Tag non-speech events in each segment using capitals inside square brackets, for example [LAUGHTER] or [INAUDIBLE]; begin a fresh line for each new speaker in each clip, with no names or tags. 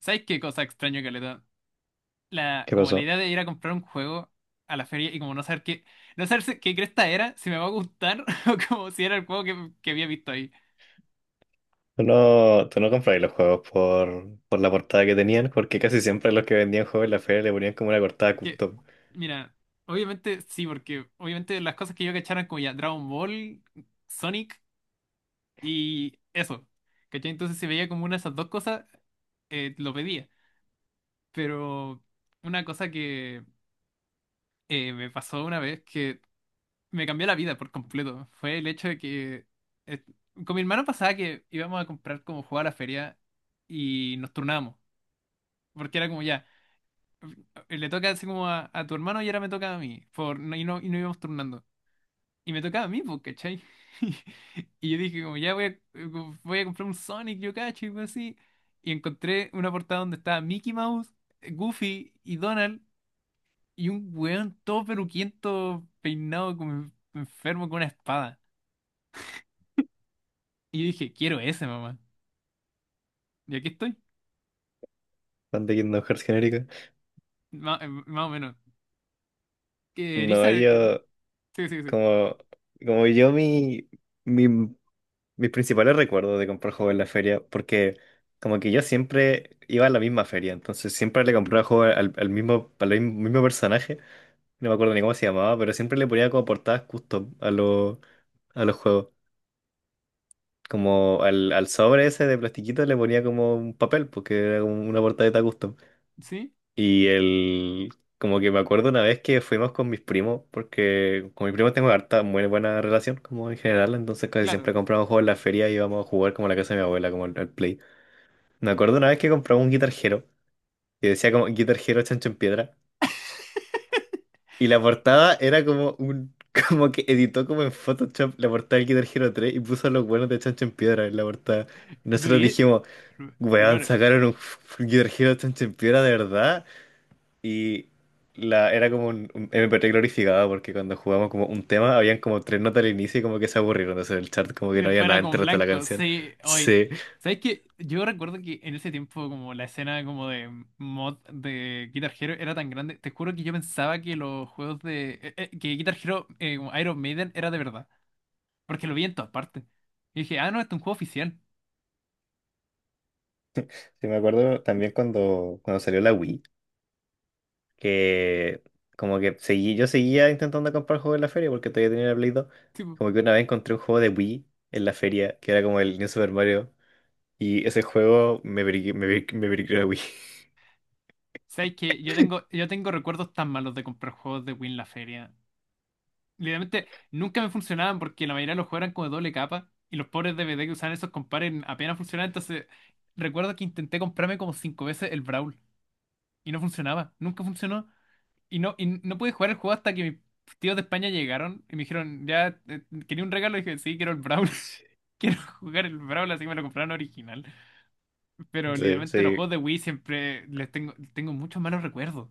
¿Sabes qué cosa extraño, Caleta? La,
¿Qué
como la
pasó?
idea de ir a comprar un juego a la feria y como no saber qué, no saber qué cresta era, si me va a gustar [LAUGHS] o como si era el juego que había visto ahí.
¿Tú no compráis los juegos por la portada que tenían? Porque casi siempre los que vendían juegos en la feria le ponían como una portada
Es que,
custom.
mira, obviamente sí, porque obviamente las cosas que yo cachara eran como ya Dragon Ball, Sonic y eso. ¿Cachai? Entonces si veía como una de esas dos cosas, lo pedía. Pero una cosa que me pasó una vez que me cambió la vida por completo. Fue el hecho de que eh, con mi hermano pasaba que íbamos a comprar como jugar a la feria y nos turnábamos. Porque era como ya, le toca así como a tu hermano y ahora me toca a mí. Por, no- y, no, y no íbamos turnando. Y me tocaba a mí, pues, ¿cachai? [LAUGHS] Y yo dije como ya voy a comprar un Sonic, yo cacho, y algo así. Y encontré una portada donde estaba Mickey Mouse, Goofy y Donald. Y un weón todo peruquiento, peinado como enfermo con una espada. Y yo dije, quiero ese, mamá. Y aquí estoy.
Fan de Kingdom Hearts genérica.
Más o menos. Que
No,
Eriza,
yo,
sí, sí, sí.
como, como yo, mi- mis principales recuerdos de comprar juegos en la feria, porque como que yo siempre iba a la misma feria, entonces siempre le compraba juegos al mismo personaje, no me acuerdo ni cómo se llamaba, pero siempre le ponía como portadas custom a los juegos. Como al sobre ese de plastiquito le ponía como un papel, porque era como una portadita custom.
Sí,
Y el, como que me acuerdo una vez que fuimos con mis primos, porque con mis primos tengo muy buena relación, como en general, entonces casi
claro.
siempre compramos juegos en la feria y íbamos a jugar como a la casa de mi abuela, como al Play. Me acuerdo una vez que compramos un Guitar Hero, que decía como Guitar Hero Chancho en Piedra, y la portada era como un... [LAUGHS] Como que editó como en Photoshop la portada del Guitar Hero 3 y puso los buenos de Chancho en Piedra en la portada. Nosotros
Durie,
dijimos, weón,
hermano,
sacaron
eh,
un Guitar Hero Piedra de verdad y era como un MP3 glorificado, porque cuando jugamos como un tema habían como tres notas al inicio y como que se aburrieron, entonces en el chat como
y
que no había
después
nada
era
entre el
con
resto de la
blanco,
canción.
sí, oye.
Sí,
¿Sabes qué? Yo recuerdo que en ese tiempo como la escena como de mod de Guitar Hero era tan grande, te juro que yo pensaba que los juegos de que Guitar Hero, como Iron Maiden era de verdad, porque lo vi en todas partes. Y dije, ah, no, este es un juego oficial.
sí me acuerdo también cuando salió la Wii, que como que seguí, yo seguía intentando comprar juegos en la feria porque todavía tenía la Play 2. Como que una vez encontré un juego de Wii en la feria que era como el New Super Mario y ese juego me briqué, me briqué, me briqué la Wii. [LAUGHS]
Sabes que yo tengo recuerdos tan malos de comprar juegos de Wii en la feria. Literalmente nunca me funcionaban porque la mayoría de los juegos eran como de doble capa y los pobres DVD que usaban esos compares apenas funcionaban. Entonces, recuerdo que intenté comprarme como 5 veces el Brawl y no funcionaba, nunca funcionó. Y no pude jugar el juego hasta que mis tíos de España llegaron y me dijeron, ya, quería un regalo. Y dije, sí, quiero el Brawl. [LAUGHS] Quiero jugar el Brawl, así que me lo compraron original. Pero
Sí,
literalmente los
sí,
juegos de Wii siempre les tengo muchos malos recuerdos.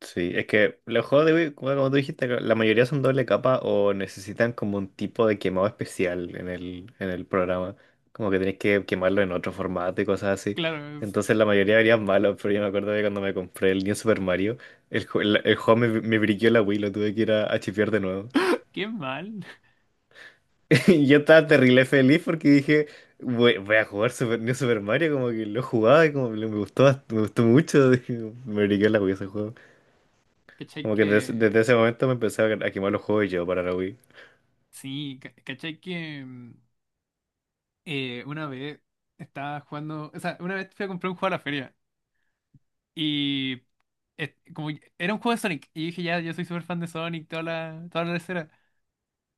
sí, es que los juegos de Wii, como como tú dijiste, la mayoría son doble capa o necesitan como un tipo de quemado especial en el programa. Como que tenés que quemarlo en otro formato y cosas así.
Claro.
Entonces la mayoría verían malos, pero yo me acuerdo que cuando me compré el New Super Mario, el juego me briqueó la Wii, lo tuve que ir a chipear de nuevo.
Qué mal.
[LAUGHS] Y yo estaba terrible feliz porque dije, voy a jugar Super, New Super Mario, como que lo jugaba y como me gustó, me gustó mucho, [LAUGHS] me briqueó la Wii ese.
¿Cachai
Como que
que?
ese momento me empecé a quemar los juegos yo para la Wii.
Sí, ¿cachai que una vez estaba jugando? O sea, una vez fui a comprar un juego a la feria y era un juego de Sonic y dije, ya, yo soy súper fan de Sonic, toda la escena.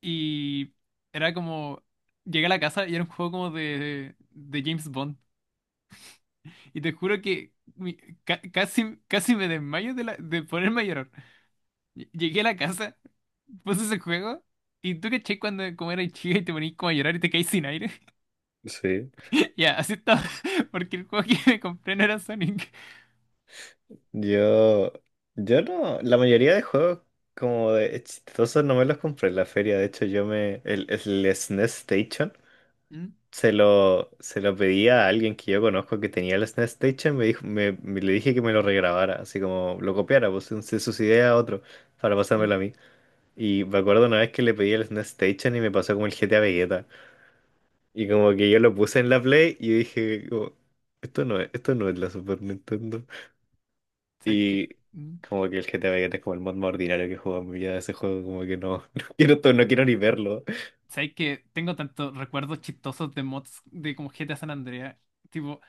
Y era como. Llegué a la casa y era un juego como de James Bond. Y te juro que casi, casi me desmayo de ponerme a llorar. Llegué a la casa puse ese juego. Y tú caché cuando como eras chica y te ponías como a llorar y te caís sin aire.
Sí.
[LAUGHS] Ya, así estaba. [LAUGHS] Porque el juego que me compré no era Sonic.
Yo. Yo no. La mayoría de juegos como de chistosos no me los compré en la feria. De hecho, yo me. El SNES Station
Mm,
se lo pedí a alguien que yo conozco que tenía el SNES Station. Me dijo, le dije que me lo regrabara, así como lo copiara, pues sus ideas a otro para
sí.
pasármelo a mí. Y me acuerdo una vez que le pedí el SNES Station y me pasó como el GTA Vegeta. Y como que yo lo puse en la Play y dije, como, esto no es la Super Nintendo.
¿Sabes qué?
Y
Mm.
como que el GTA Vice es como el mod más ordinario que he jugado en mi vida. Ese juego como que no, [LAUGHS] no quiero, no quiero ni verlo.
¿Sabes qué? Tengo tantos recuerdos chistosos de mods de como GTA San Andreas. Tipo,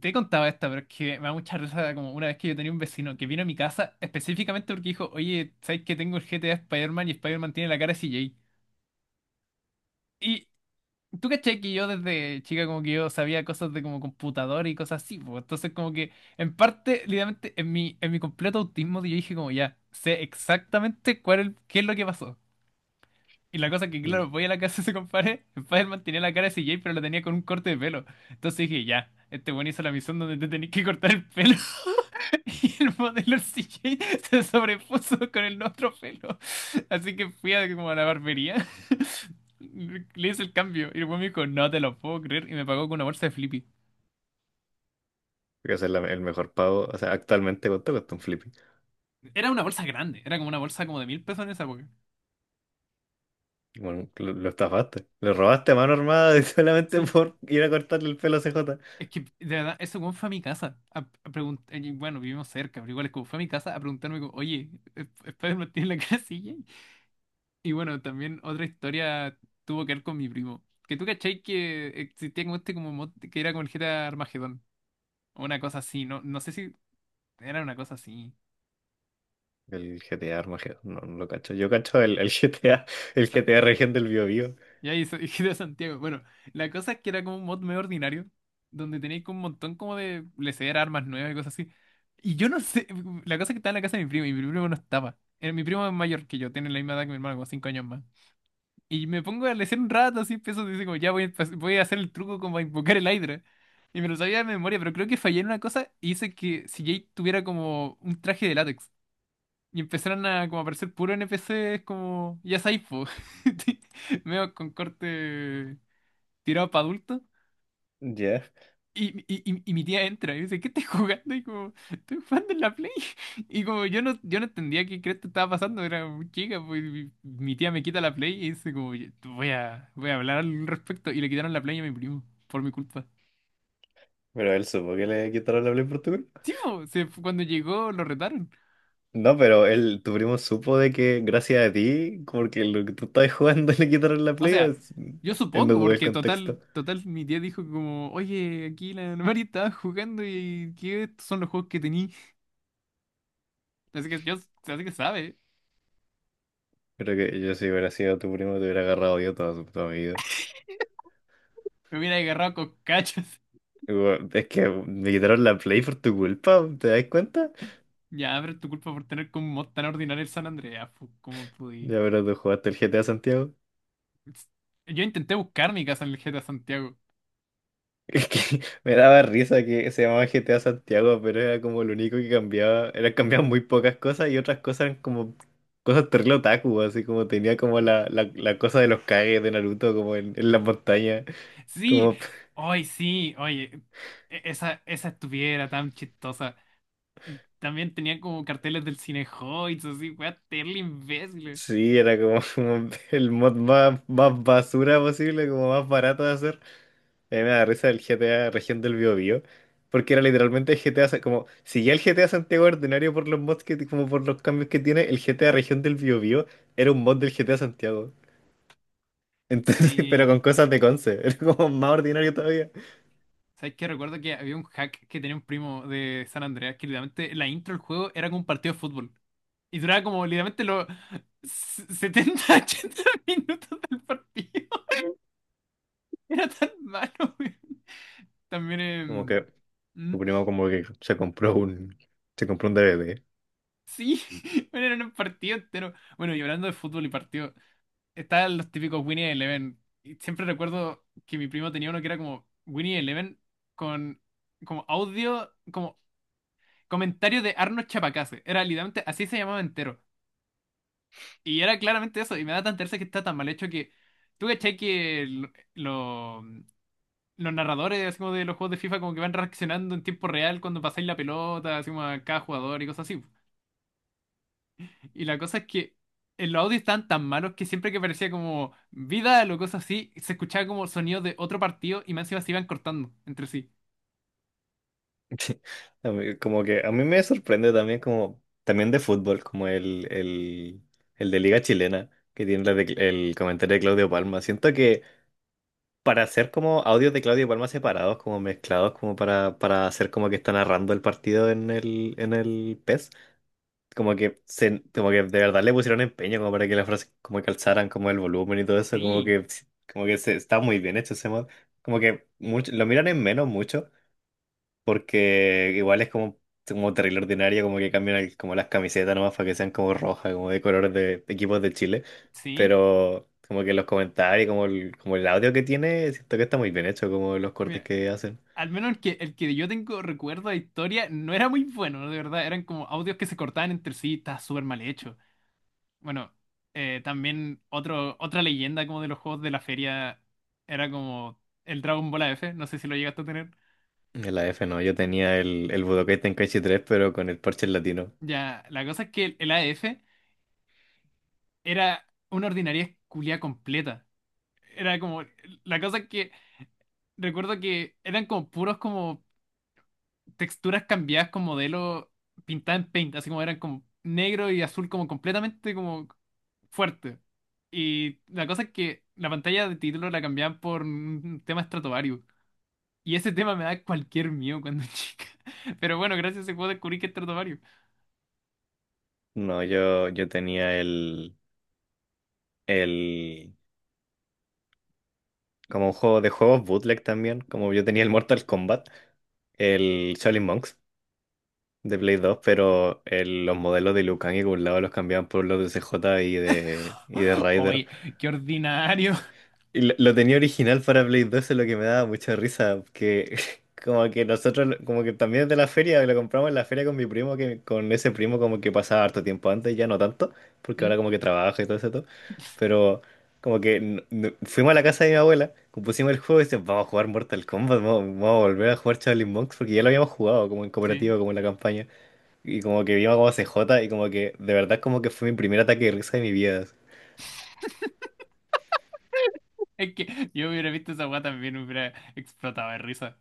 te he contado esta, pero es que me da mucha risa como una vez que yo tenía un vecino que vino a mi casa específicamente porque dijo, oye, ¿sabes qué? Tengo el GTA Spider-Man y Spider-Man tiene la cara de CJ. Y tú caché que yo desde chica como que yo sabía cosas de como computador y cosas así, pues entonces como que en parte, literalmente, en mi completo autismo yo dije como ya, sé exactamente cuál es, qué es lo que pasó. Y la cosa es que,
Mm.
claro, voy a la casa de ese compadre, [LAUGHS] Spider-Man tenía la cara de CJ, pero la tenía con un corte de pelo. Entonces dije, ya, este buen hizo la misión donde te tenés que cortar el pelo. [LAUGHS] Y el modelo CJ se sobrepuso con el otro pelo. Así que fui como a la barbería. [LAUGHS] Le hice el cambio. Y el buen me dijo, no te lo puedo creer. Y me pagó con una bolsa de Flippy.
Porque ese es el mejor pago. O sea, actualmente, ¿cuánto cuesta un Flippy?
Era una bolsa grande, era como una bolsa como de 1.000 pesos en esa época.
Bueno, lo estafaste. Lo robaste a mano armada [LAUGHS] solamente
Sí.
por ir a cortarle el pelo a CJ.
Es que, de verdad, ese weón fue a mi casa y bueno, vivimos cerca, pero igual es como fue a mi casa a preguntarme como, oye, ¿Spider-Man tiene la casilla? [LAUGHS] Y bueno, también otra historia tuvo que ver con mi primo. Que tú cachai que existía como este como mod que era con el GTA Armagedón. O una cosa así, no, no sé si era una cosa así.
El GTA Armageddon, no, no lo cacho. Yo cacho el GTA Región del Bío Bío.
Ya, [LAUGHS] y de Santiago. Bueno, la cosa es que era como un mod medio ordinario, donde tenéis como un montón como de lesear armas nuevas y cosas así. Y yo no sé, [LAUGHS] la cosa es que estaba en la casa de mi primo, y mi primo no estaba. Mi primo es mayor que yo, tiene la misma edad que mi hermano, como 5 años más. Y me pongo a lesear un rato, así empiezo, dice como, ya voy a hacer el truco como a invocar el Hydra. Y me lo sabía de memoria, pero creo que fallé en una cosa y hice que si Jade tuviera como un traje de látex. Y empezaron a como aparecer puros NPCs como, ya sabéis, po. [LAUGHS] Medio con corte tirado para adultos.
Ya,
Y mi tía entra y dice, ¿qué estás jugando? Y como, estoy jugando en la Play. [LAUGHS] Y como yo no entendía qué crees que estaba pasando, era muy chica, pues mi tía me quita la Play y dice como, "Oye, tú voy a hablar al respecto". Y le quitaron la Play a mi primo, por mi culpa.
pero él supo que le quitaron la Play por tu...
Sí, po, cuando llegó lo retaron.
No, pero él, tu primo supo de que gracias a ti, porque lo que tú estabas jugando [LAUGHS] le quitaron la
O
play, o
sea, yo
él no
supongo,
tuvo el
porque
contexto.
total, total, mi tía dijo como, oye, aquí la Mari estaba jugando y que estos son los juegos que tení. Así que yo, así que sabe,
Creo que yo si hubiera sido tu primo te hubiera agarrado yo toda mi vida.
me hubiera agarrado con cachas.
Igual, es que me quitaron la play por tu culpa, ¿te das cuenta?
Ya, pero es tu culpa por tener como un mod tan ordinario el San Andreas, pu, ¿cómo pude?
Ya, pero tú jugaste el GTA Santiago.
Yo intenté buscar mi casa en el GTA Santiago.
Es que [LAUGHS] me daba risa que se llamaba GTA Santiago, pero era como lo único que cambiaba. Era, cambiaban muy pocas cosas y otras cosas eran como cosas terrible otaku, así como tenía como la cosa de los Kage de Naruto, como en las montañas.
Sí,
Como,
hoy sí, oye, esa estuviera tan chistosa. También tenía como carteles del Cinehoids, así, weá, terrible imbécil.
sí, era como, [LAUGHS] como el mod más basura posible, como más barato de hacer. A mí me da risa el GTA Región del Biobío, porque era literalmente el GTA, como, si ya el GTA Santiago era ordinario por los mods que, como por los cambios que tiene, el GTA Región del Biobío era un mod del GTA Santiago. Entonces, [LAUGHS] pero
Sí,
con cosas de Conce, [LAUGHS] era como más ordinario todavía.
¿sabes qué? Recuerdo que había un hack que tenía un primo de San Andreas que literalmente la intro del juego era como un partido de fútbol. Y duraba como literalmente los 70 [LAUGHS] 80 minutos del partido. [LAUGHS] Era tan malo, güey. También
Como que
mm,
tu primo como que se se compró un DVD.
sí, [LAUGHS] bueno, era un partido entero. Bueno, y hablando de fútbol y partido, estaban los típicos Winnie Eleven. Y siempre recuerdo que mi primo tenía uno que era como Winnie Eleven con como audio, como comentario de Arnold Chapacase. Era literalmente, así se llamaba entero. Y era claramente eso, y me da tan tercia que está tan mal hecho que. ¿Tú cachai que lo los narradores así como de los juegos de FIFA como que van reaccionando en tiempo real cuando pasáis la pelota, así como a cada jugador y cosas así? Y la cosa es que en los audios estaban tan malos que siempre que parecía como Vidal o cosas así, se escuchaba como sonidos de otro partido y más encima se iban cortando entre sí.
[LAUGHS] A mí... Como que a mí me sorprende también como, también de fútbol, como el de Liga Chilena, que tiene el comentario de Claudio Palma. Siento que para hacer como audios de Claudio Palma separados, como mezclados, como para hacer como que está narrando el partido en el PES. Como que se, como que de verdad le pusieron empeño como para que las frases como que alzaran como el volumen y todo eso, como
Sí,
que está muy bien hecho ese mod. Como que mucho, lo miran en menos mucho, porque igual es como, como terrible ordinaria como que cambian como las camisetas nomás para que sean como rojas, como de colores de equipos de Chile,
sí.
pero como que los comentarios, como el audio que tiene, siento que está muy bien hecho, como los cortes
Mira,
que hacen.
al menos el que yo tengo recuerdo de historia no era muy bueno, de verdad. Eran como audios que se cortaban entre sí, estaba súper mal hecho. Bueno, también otra leyenda como de los juegos de la feria era como el Dragon Ball AF no sé si lo llegaste a tener.
En la F, no, yo tenía el Budokai Tenkaichi 3 pero con el parche en latino.
Ya, la cosa es que el AF era una ordinaria culia completa. Era como, la cosa es que recuerdo que eran como puros como texturas cambiadas con modelo pintada en paint, así como eran como negro y azul como completamente como fuerte. Y la cosa es que la pantalla de título la cambiaban por un tema. Y ese tema me da cualquier miedo cuando chica. [LAUGHS] Pero bueno, gracias a ese juego descubrí que es Stratovarius.
No, yo tenía el, como un juego de juegos bootleg también, como yo tenía el Mortal Kombat, el Shaolin Monks de Play 2, pero los modelos de lucan y Kung los cambiaban por los de CJ y de Ryder.
Oye, qué ordinario.
Y lo tenía original para Play 2, eso es lo que me daba mucha risa, que [LAUGHS] como que nosotros, como que también es de la feria, lo compramos en la feria con mi primo, que con ese primo como que pasaba harto tiempo antes, ya no tanto, porque
¿Mm?
ahora como que trabaja y todo eso, todo. Pero... Como que fuimos a la casa de mi abuela, compusimos el juego y decíamos vamos a jugar Mortal Kombat, vamos a volver a jugar Charlie Monks, porque ya lo habíamos jugado como en
Sí.
cooperativa, como en la campaña. Y como que vimos como CJ y como que de verdad como que fue mi primer ataque de risa de mi vida.
Es que yo hubiera visto esa weá también, hubiera explotado de risa.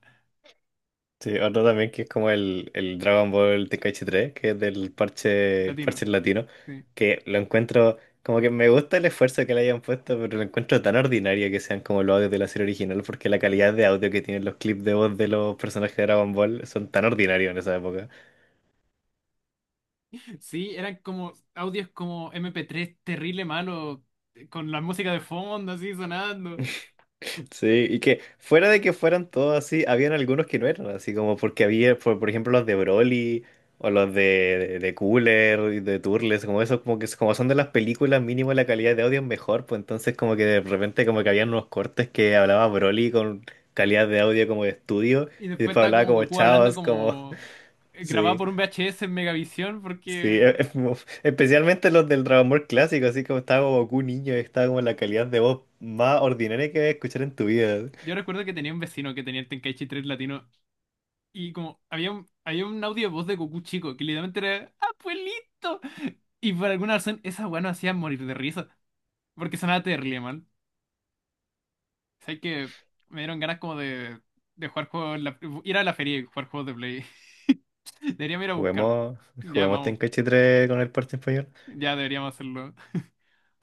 Sí, otro también que es como el Dragon Ball TKH 3 que es del parche, el
Latino.
parche en latino,
Sí.
que lo encuentro, como que me gusta el esfuerzo que le hayan puesto, pero lo encuentro tan ordinario que sean como los audios de la serie original, porque la calidad de audio que tienen los clips de voz de los personajes de Dragon Ball son tan ordinarios en esa época.
Sí, eran como audios como MP3 terrible malo, con la música de fondo así sonando.
Sí, y que fuera de que fueran todos así, habían algunos que no eran así, como porque había, por ejemplo, los de Broly o los de Cooler y de Turles, como esos, como que como son de las películas, mínimo la calidad de audio es mejor, pues entonces como que de repente como que habían unos cortes que hablaba Broly con calidad de audio como de estudio
Y
y
después
después
estaba
hablaba
como
como
Goku hablando
chavas, como...
como
[LAUGHS]
grabado
Sí,
por un VHS en Megavisión,
sí,
porque
especialmente los del Dragon Ball clásico, así como estaba como Goku niño, y estaba como la calidad de voz más ordinaria que vas a escuchar en tu vida.
yo recuerdo que tenía un vecino que tenía el Tenkaichi 3 latino. Y como había un audio de voz de Goku chico que literalmente era ¡Abuelito! Y por alguna razón esa weá no hacía morir de risa. Porque sonaba terrible, man. O sea que me dieron ganas como de jugar juegos, ir a la feria y jugar juegos de Play. [LAUGHS] Deberíamos ir a buscar.
Juguemos,
Ya
juguemos
vamos.
Tenkaichi 3 con el parte español.
Ya deberíamos hacerlo.